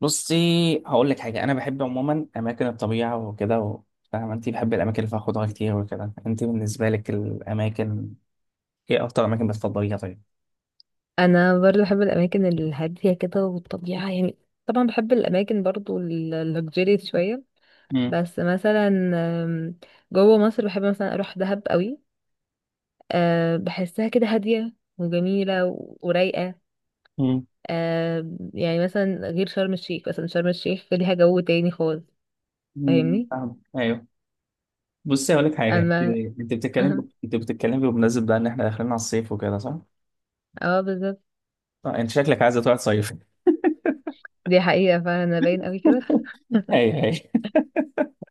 بصي، هقول لك حاجه. انا بحب عموما اماكن الطبيعه وكده فاهمه. انت بحب الاماكن اللي فيها خضره كتير وكده، انت بالنسبه لك الاماكن ايه اكتر اماكن بتفضليها؟ طيب. انا برضو بحب الاماكن الهاديه كده والطبيعه يعني. طبعا بحب الاماكن برضو اللوكجيري شويه. امم. بس مثلا آم، جوه مصر بحب مثلا اروح دهب قوي. بحسها كده هاديه وجميله ورايقه. امم. آه، يعني مثلا غير شرم الشيخ، مثلا شرم الشيخ ليها جو تاني خالص، أمم، فاهمني؟ فاهم، ايوه. بصي، هقول لك حاجه. انت اما انت اه، انت بتتكلم بمناسبه ده، ان احنا داخلين على الصيف وكده، صح؟ آه، بالظبط. آه، انت شكلك عايزه تروح تصيف. دي حقيقه فعلا، انا باين قوي كده. ايوه، ايوه،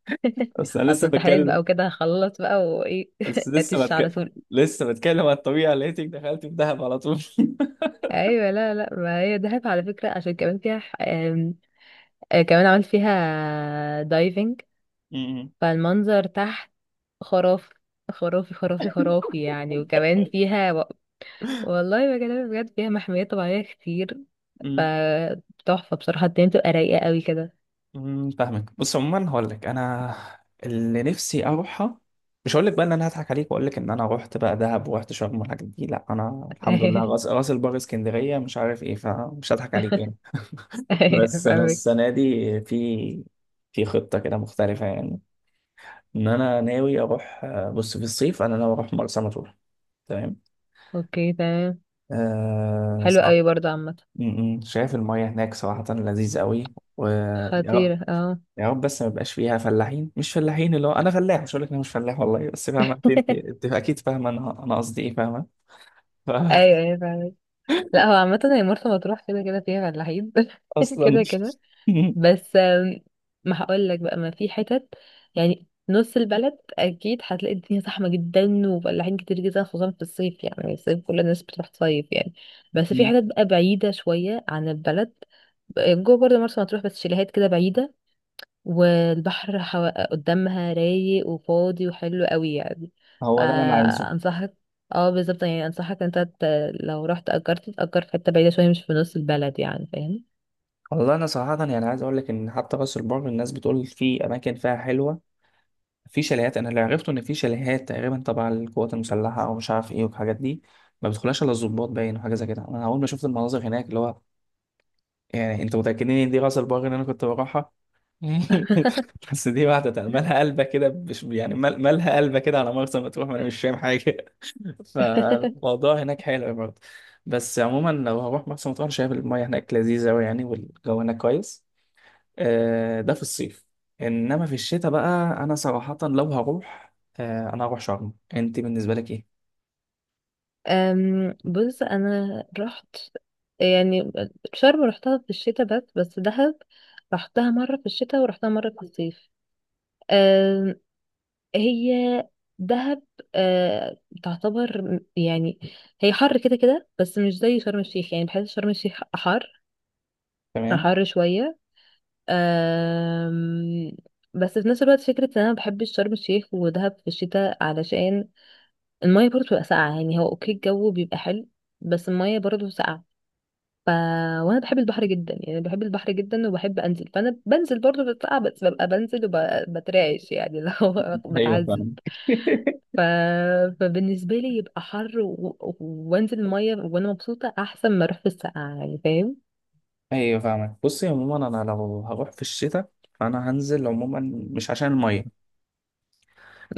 بس انا اصلا لسه امتحانات بتكلم. بقى وكده، هخلص بقى وايه. بس لسه اتش على بتكلم. طول. لسه بتكلم عن الطبيعه لقيتك دخلت في دهب على طول. ايوه، لا لا، ما هي دهب على فكره عشان كمان فيها كمان عملت فيها دايفنج. أمم. فالمنظر تحت خرافي. خرافي خرافي خرافي يعني، وكمان فيها والله بكلمك بجد، فيها محميات طبيعيه كتير. أمم. فتحفه بصراحه، الدنيا بتبقى رايقه قوي كده. فاهمك. بص، عموما هقول لك انا اللي نفسي اروحها. مش هقول لك بقى ان انا هضحك عليك واقول لك ان انا رحت بقى دهب ورحت شرم والحاجات دي، لا انا الحمد لله، راس راس البر، اسكندريه، مش عارف ايه، فمش هضحك عليك يعني. ايوه بس انا فاهمك. السنه دي في في خطه كده مختلفه يعني، ان انا ناوي اروح. بص، في الصيف انا ناوي اروح مرسى مطروح. تمام. اوكي تمام. آه، حلو صح. قوي برضه عامه. م- م. شايف المياه هناك صراحه لذيذ قوي و... خطيره اه. يا رب بس ما يبقاش فيها فلاحين، مش فلاحين اللي هو انا فلاح، مش هقول لك انا مش فلاح والله، بس فاهمه انت، انت انت اكيد فاهمه انا قصدي ايه، فاهمه. ف- ايوه ايوه فاهمك. لا، هو عامه هي مرسى مطروح كده كده فيها فلاحين. اصلا. كده كده. بس ما هقول لك بقى، ما في حتت. يعني نص البلد اكيد هتلاقي الدنيا زحمه جدا وفلاحين كتير جدا، خصوصا في الصيف، يعني الصيف كل الناس بتروح تصيف يعني. بس في حتت بقى بعيده شويه عن البلد. جوه برضه مرسى مطروح، بس شاليهات كده بعيده. والبحر قدامها رايق وفاضي وحلو قوي يعني. هو ده اللي انا عايزه. فانصحك. اه بالظبط، يعني انصحك لو رحت اجرت تأجر في حته بعيده شويه، مش في نص البلد، يعني فاهم. والله انا صراحه يعني عايز اقول لك ان حتى راس البر الناس بتقول في اماكن فيها حلوه، في شاليهات. انا اللي عرفته ان في شاليهات تقريبا تبع القوات المسلحه او مش عارف ايه والحاجات دي، ما بتدخلهاش الا الضباط باين وحاجه زي كده. انا اول ما شفت المناظر هناك اللي هو، يعني انتوا متاكدين ان دي راس البر اللي انا كنت بروحها؟ بس دي واحدة تانية، مالها قلبة كده مش يعني مالها قلبة كده على مرسى مطروح، ما انا مش فاهم حاجة. فالموضوع هناك حلو برضه. بس عموما لو هروح مرسى مطروح أنا شايف المية هناك لذيذة أوي يعني، والجو هناك كويس. آه، ده في الصيف. انما في الشتاء بقى، انا صراحة لو هروح، انا هروح شرم. انت بالنسبة لك ايه؟ أم، بص انا رحت، يعني شرم رحتها في الشتاء. بس دهب رحتها مرة في الشتاء ورحتها مرة في الصيف. أم، هي دهب أه، تعتبر يعني. هي حر كده كده، بس مش زي شرم الشيخ، يعني بحس شرم الشيخ حر. تمام. حر شوية. أم، بس في نفس الوقت، فكرة ان انا بحب شرم الشيخ ودهب في الشتاء علشان المية برضه بتبقى ساقعة. يعني هو اوكي الجو بيبقى حلو، بس المية برضه ساقعة. ف... وانا بحب البحر جدا، يعني بحب البحر جدا وبحب انزل، فانا بنزل برضه بتقع، بس ببقى بنزل وبترعش، يعني اللي هو ايوه، بتعذب. فاهم. ف... فبالنسبه لي يبقى حر وانزل الميه وانا مبسوطه، احسن ما اروح في السقعه، يعني فاهم. ايوه، فاهمك. بصي، عموما انا لو هروح في الشتاء فانا هنزل عموما، مش عشان المية.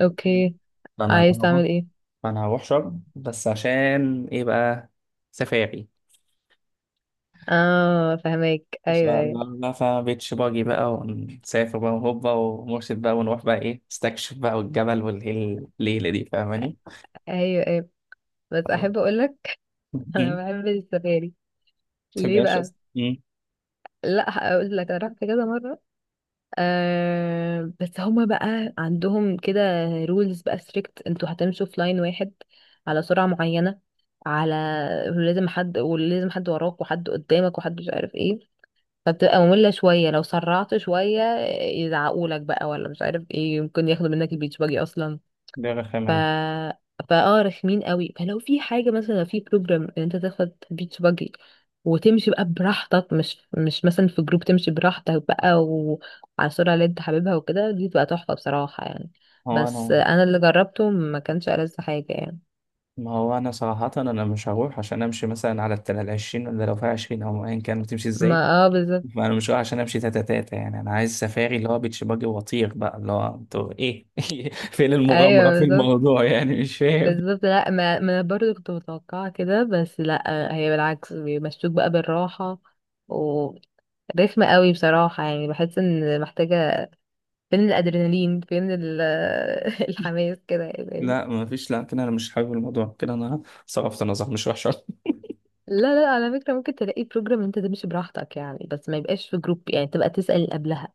اوكي، انا لو عايز هروح، تعمل ايه؟ ما انا هروح شرم بس عشان ايه بقى؟ سفاري. اه فهمك، بس ايوه بقى، ايوه. لا فا بيتش باجي بقى، ونسافر بقى وهوبا ومرشد بقى، ونروح بقى ايه، نستكشف بقى، والجبل والليل الليلة دي، فاهماني؟ ايوه ايوه بس آه. احب اقول لك. انا ما بحب السفاري. ليه تحبهاش بقى؟ اصلا؟ لا، هقول لك انا رحت كذا مره. آه بس هما بقى عندهم كده رولز بقى ستريكت، انتوا هتمشوا في لاين واحد على سرعة معينة. على ولازم حد وراك، وحد قدامك، وحد مش عارف ايه. فبتبقى مملة شوية، لو سرعت شوية يزعقولك بقى، ولا مش عارف ايه، ممكن ياخدوا منك البيتش باجي اصلا. دي ف الرخامة دي. فاه رخمين قوي، فلو في حاجه مثلا، لو في بروجرام ان انت تاخد بيتش باجي وتمشي بقى براحتك، مش مثلا في جروب، تمشي براحتك بقى وعلى السرعه اللي انت حاببها وكده، دي تبقى تحفه بصراحه يعني. هو بس انا انا اللي جربته ما كانش ألذ حاجه يعني. ما هو انا صراحة انا مش هروح عشان امشي مثلا على العشرين، ولا لو فيها عشرين او ايا كان بتمشي ما ازاي. اه بالظبط. فانا مش رايح عشان امشي تاتا تاتا يعني، انا عايز سفاري اللي هو بيتش باجي وطير بقى، اللي هو انتوا ايه، فين ايوه المغامره في بالظبط. الموضوع يعني، مش فاهم. بالظبط، لا ما انا برضه كنت متوقعه كده، بس لا، هي بالعكس بيمشوك بقى بالراحه. و رخمة قوي بصراحة، يعني بحس ان محتاجة فين الادرينالين، فين الحماس كده يعني. لا، ما فيش، لا كده انا مش حابب الموضوع كده، انا صرفت نظر، مش وحشه. لا لا، على فكرة ممكن تلاقي بروجرام انت تمشي براحتك يعني، بس ما يبقاش في جروب، يعني تبقى تسأل قبلها.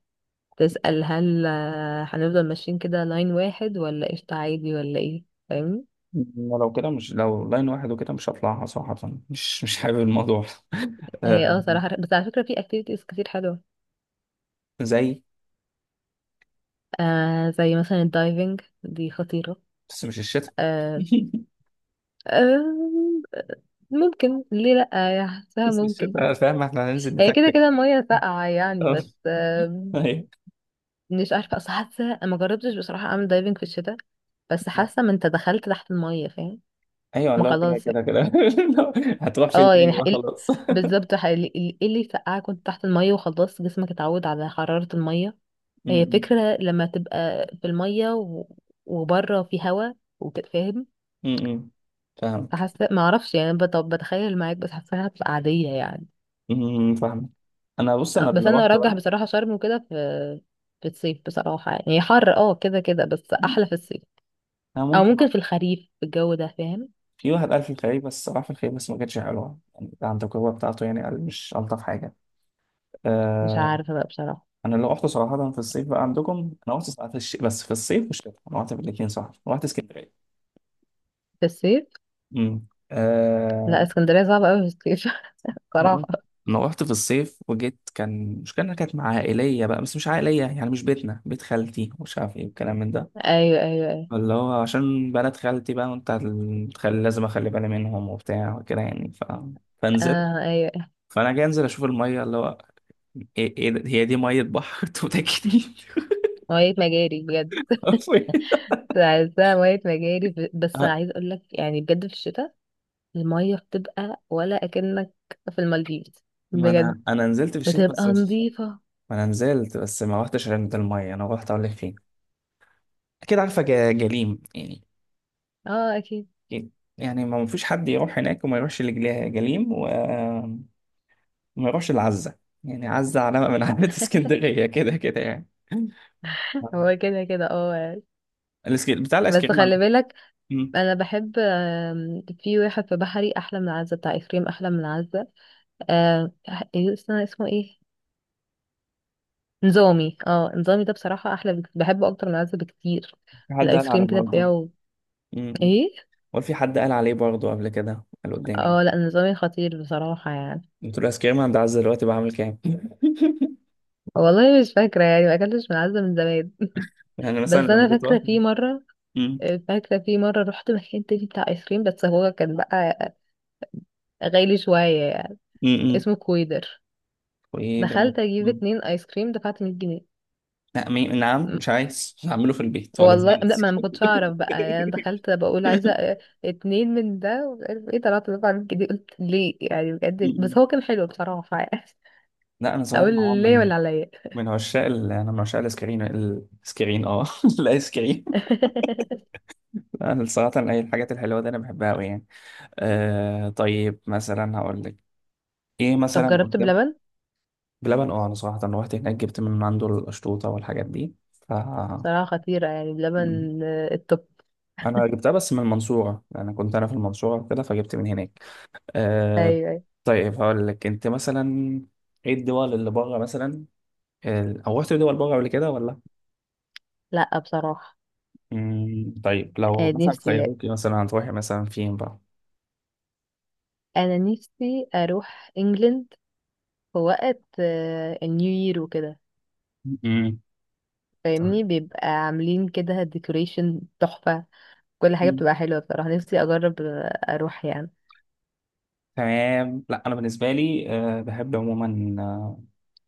تسأل هل هنفضل ماشيين كده لاين واحد، ولا قشطة عادي ولا ايه، فاهمني؟ أنا لو كده، مش لو لاين واحد وكده مش هطلعها صراحه، مش حابب الموضوع. هي اه آه، صراحة، بس على فكرة في اكتيفيتيز كتير حلوة. زي. آه زي مثلا الدايفنج دي خطيرة. بس مش الشتاء. آه. آه، ممكن، ليه لأ يعني، حاساها بس ممكن. الشتاء فاهم، احنا هننزل هي كده نتكتك. كده المية ساقعة يعني، آه، بس ايوه، مش عارفه، اصل حاسه ما جربتش بصراحه اعمل دايفنج في الشتاء. بس حاسه ما انت دخلت تحت الميه فاهم، ايوه. ما لا كده خلاص يعني. كده كده. هتروح فين اه يعني تاني بقى خلاص؟ بالظبط ايه اللي يسقعك وانت تحت الميه، وخلاص جسمك اتعود على حراره الميه. م- هي م- فكره لما تبقى في الميه وبره في هوا وتتفاهم. م- م. فاهمك. فحاسه ما اعرفش يعني، طب بتخيل معاك، بس حاساها هتبقى عاديه يعني. فاهمك. انا بص، انا بس اللي انا رحت ارجح بقى. بصراحه شرم وكده، في الصيف بصراحه يعني، هي حر اه كده كده بس احلى في الصيف. انا او ممكن ممكن بقى. في الخريف، في الجو ده فاهم. في واحد قال في الخليج، بس راح في الخليج بس ما كانتش حلوه يعني عن التجربه بتاعته يعني، قال مش الطف حاجه. مش آه. عارفة بقى بصراحة. انا اللي رحت صراحه في الصيف بقى عندكم، انا رحت في بس في الصيف والشتاء، انا رحت في الاثنين، صح، رحت اسكندريه. في الصيف. آه. لا، اسكندرية صعبة أوي في الصيف. انا رحت بصراحة. أنا رحت في الصيف وجيت، كان مش كان كانت مع عائليه بقى، بس مش عائليه يعني مش بيتنا، بيت خالتي ومش عارف ايه والكلام من ده، أيوة أيوة أيوة. اللي هو عشان بنات خالتي بقى، وانت هتخلي لازم اخلي بالي منهم وبتاع وكده يعني. فنزلت. آه أيوة. فانا جاي انزل اشوف الميه اللي هو، إيه ده؟ هي دي ميه بحر انتوا متاكدين؟ مية مجاري بجد. حرفياً. عايزاها مية مجاري بس أه، عايز أقولك يعني بجد، في الشتاء المية بتبقى ولا أكنك في المالديف ما بجد. انا نزلت في الشتاء بتبقى بس مش... نظيفة. ما انا نزلت بس ما رحتش عند الميه، انا رحت اقول لك فين. اكيد عارفه، جليم يعني. اه أكيد. أكيد. يعني ما فيش حد يروح هناك وما يروحش لجليم جليم وما يروحش لعزه. يعني عزه علامه من علامات اسكندريه كده كده يعني. هو كده كده اه يعني. الاسكيل بتاع الايس بس كريم خلي بالك، مم. أنا بحب في واحد في بحري أحلى من عزة بتاع إفريم، أحلى من عزة. آه، إيه اسمه، اسمه إيه، نظامي. اه، نظامي ده بصراحة أحلى بحبه أكتر من العزة بكتير. في حد قال الآيس عليه كريم كده برضه. بتاعه. مم. ايه. هو في حد قال عليه برضه قبل كده، قال قدامي. اه، لا نظامي خطير بصراحة يعني. قلت له الايس كريم عند عز دلوقتي بعمل كام؟ والله مش فاكرة يعني، ما أكلتش من العزة من زمان. يعني مثلا بس لما أنا كنت فاكرة واقف. في مرة. مم. فاكرة في مرة رحت مكان تاني بتاع آيس كريم، بس هو كان بقى غالي شوية يعني. مم. مم. اسمه كويدر. وايه ده؟ دخلت أجيب مم. اتنين آيس كريم، دفعت 100 جنيه. لا نعم، مش عايز هعمله في البيت ولا والله زعل. لا، ما انا ما كنتش اعرف بقى يعني، انا دخلت بقول عايزه اتنين من ده ومش عارف ايه. طلعت من كده قلت ليه يعني، بجد ليه؟ مم. بس هو كان حلو بصراحه يعني. لا، انا صراحه اقول هو ليه من ولا عليا. من انا من عشاق الايس كريم، الايس كريم، الايس كريم. لا، انا صراحه اي الحاجات الحلوه دي انا بحبها قوي يعني. آه، طيب مثلا هقول لك ايه طب مثلا جربت قدام. بلبن. بلبن، انا صراحة روحت هناك جبت من عنده القشطوطة والحاجات دي، ف... بصراحه خطيره يعني م. بلبن، التوب. انا جبتها بس من المنصورة، انا كنت انا في المنصورة كده فجبت من هناك. آه. ايوه أيوة. طيب هقول لك انت مثلا ايه الدول اللي بره مثلا، او رحت دول بره قبل كده ولا؟ لا بصراحه. مم. طيب، لو مثلا نفسي، خيروكي مثلا هتروحي مثلا فين بقى؟ انا نفسي اروح انجلند في وقت النيو يير وكده، مم. طيب. فاهمني؟ بيبقى عاملين كده ديكوريشن تحفه، كل حاجه مم. بتبقى حلوه بصراحه. نفسي اجرب اروح يعني. تمام. لا انا بالنسبة لي بحب عموما،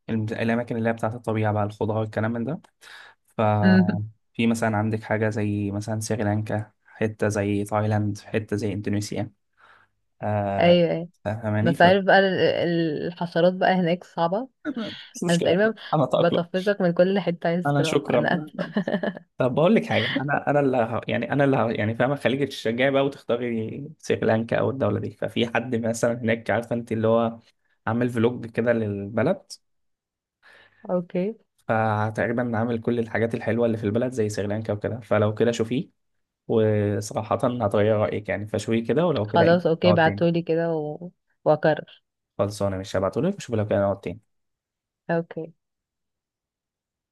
الأماكن اللي هي بتاعة الطبيعة بقى، الخضار والكلام من ده. مم. ففي مثلا عندك حاجة زي مثلا سريلانكا، حتة زي تايلاند، حتة زي إندونيسيا. آه. ايوه ايوه. فاهماني؟ بس ف... عارف بقى الحشرات بقى هناك صعبة. مش انا مشكلة، تقريبا أنا أتأقلم. بطفشك من كل حتة عايز أنا تروح، شكرا، انا أنا... اسفة. طب بقول لك حاجة، أنا اللي يعني، أنا اللي يعني فاهمة، خليك تشجعي بقى وتختاري سريلانكا أو الدولة دي. ففي حد مثلا هناك، عارفة أنت اللي هو عامل فلوج كده للبلد، اوكي فتقريبا عامل كل الحاجات الحلوة اللي في البلد زي سريلانكا وكده. فلو كده شوفيه، وصراحة هتغير رأيك يعني، فشوي كده ولو كده ايه. خلاص، اوكي نقعد تاني. بعتولي كده واكرر. خلصانة، مش هبعتهولك وشوف لو كده نقعد تاني. اوكي.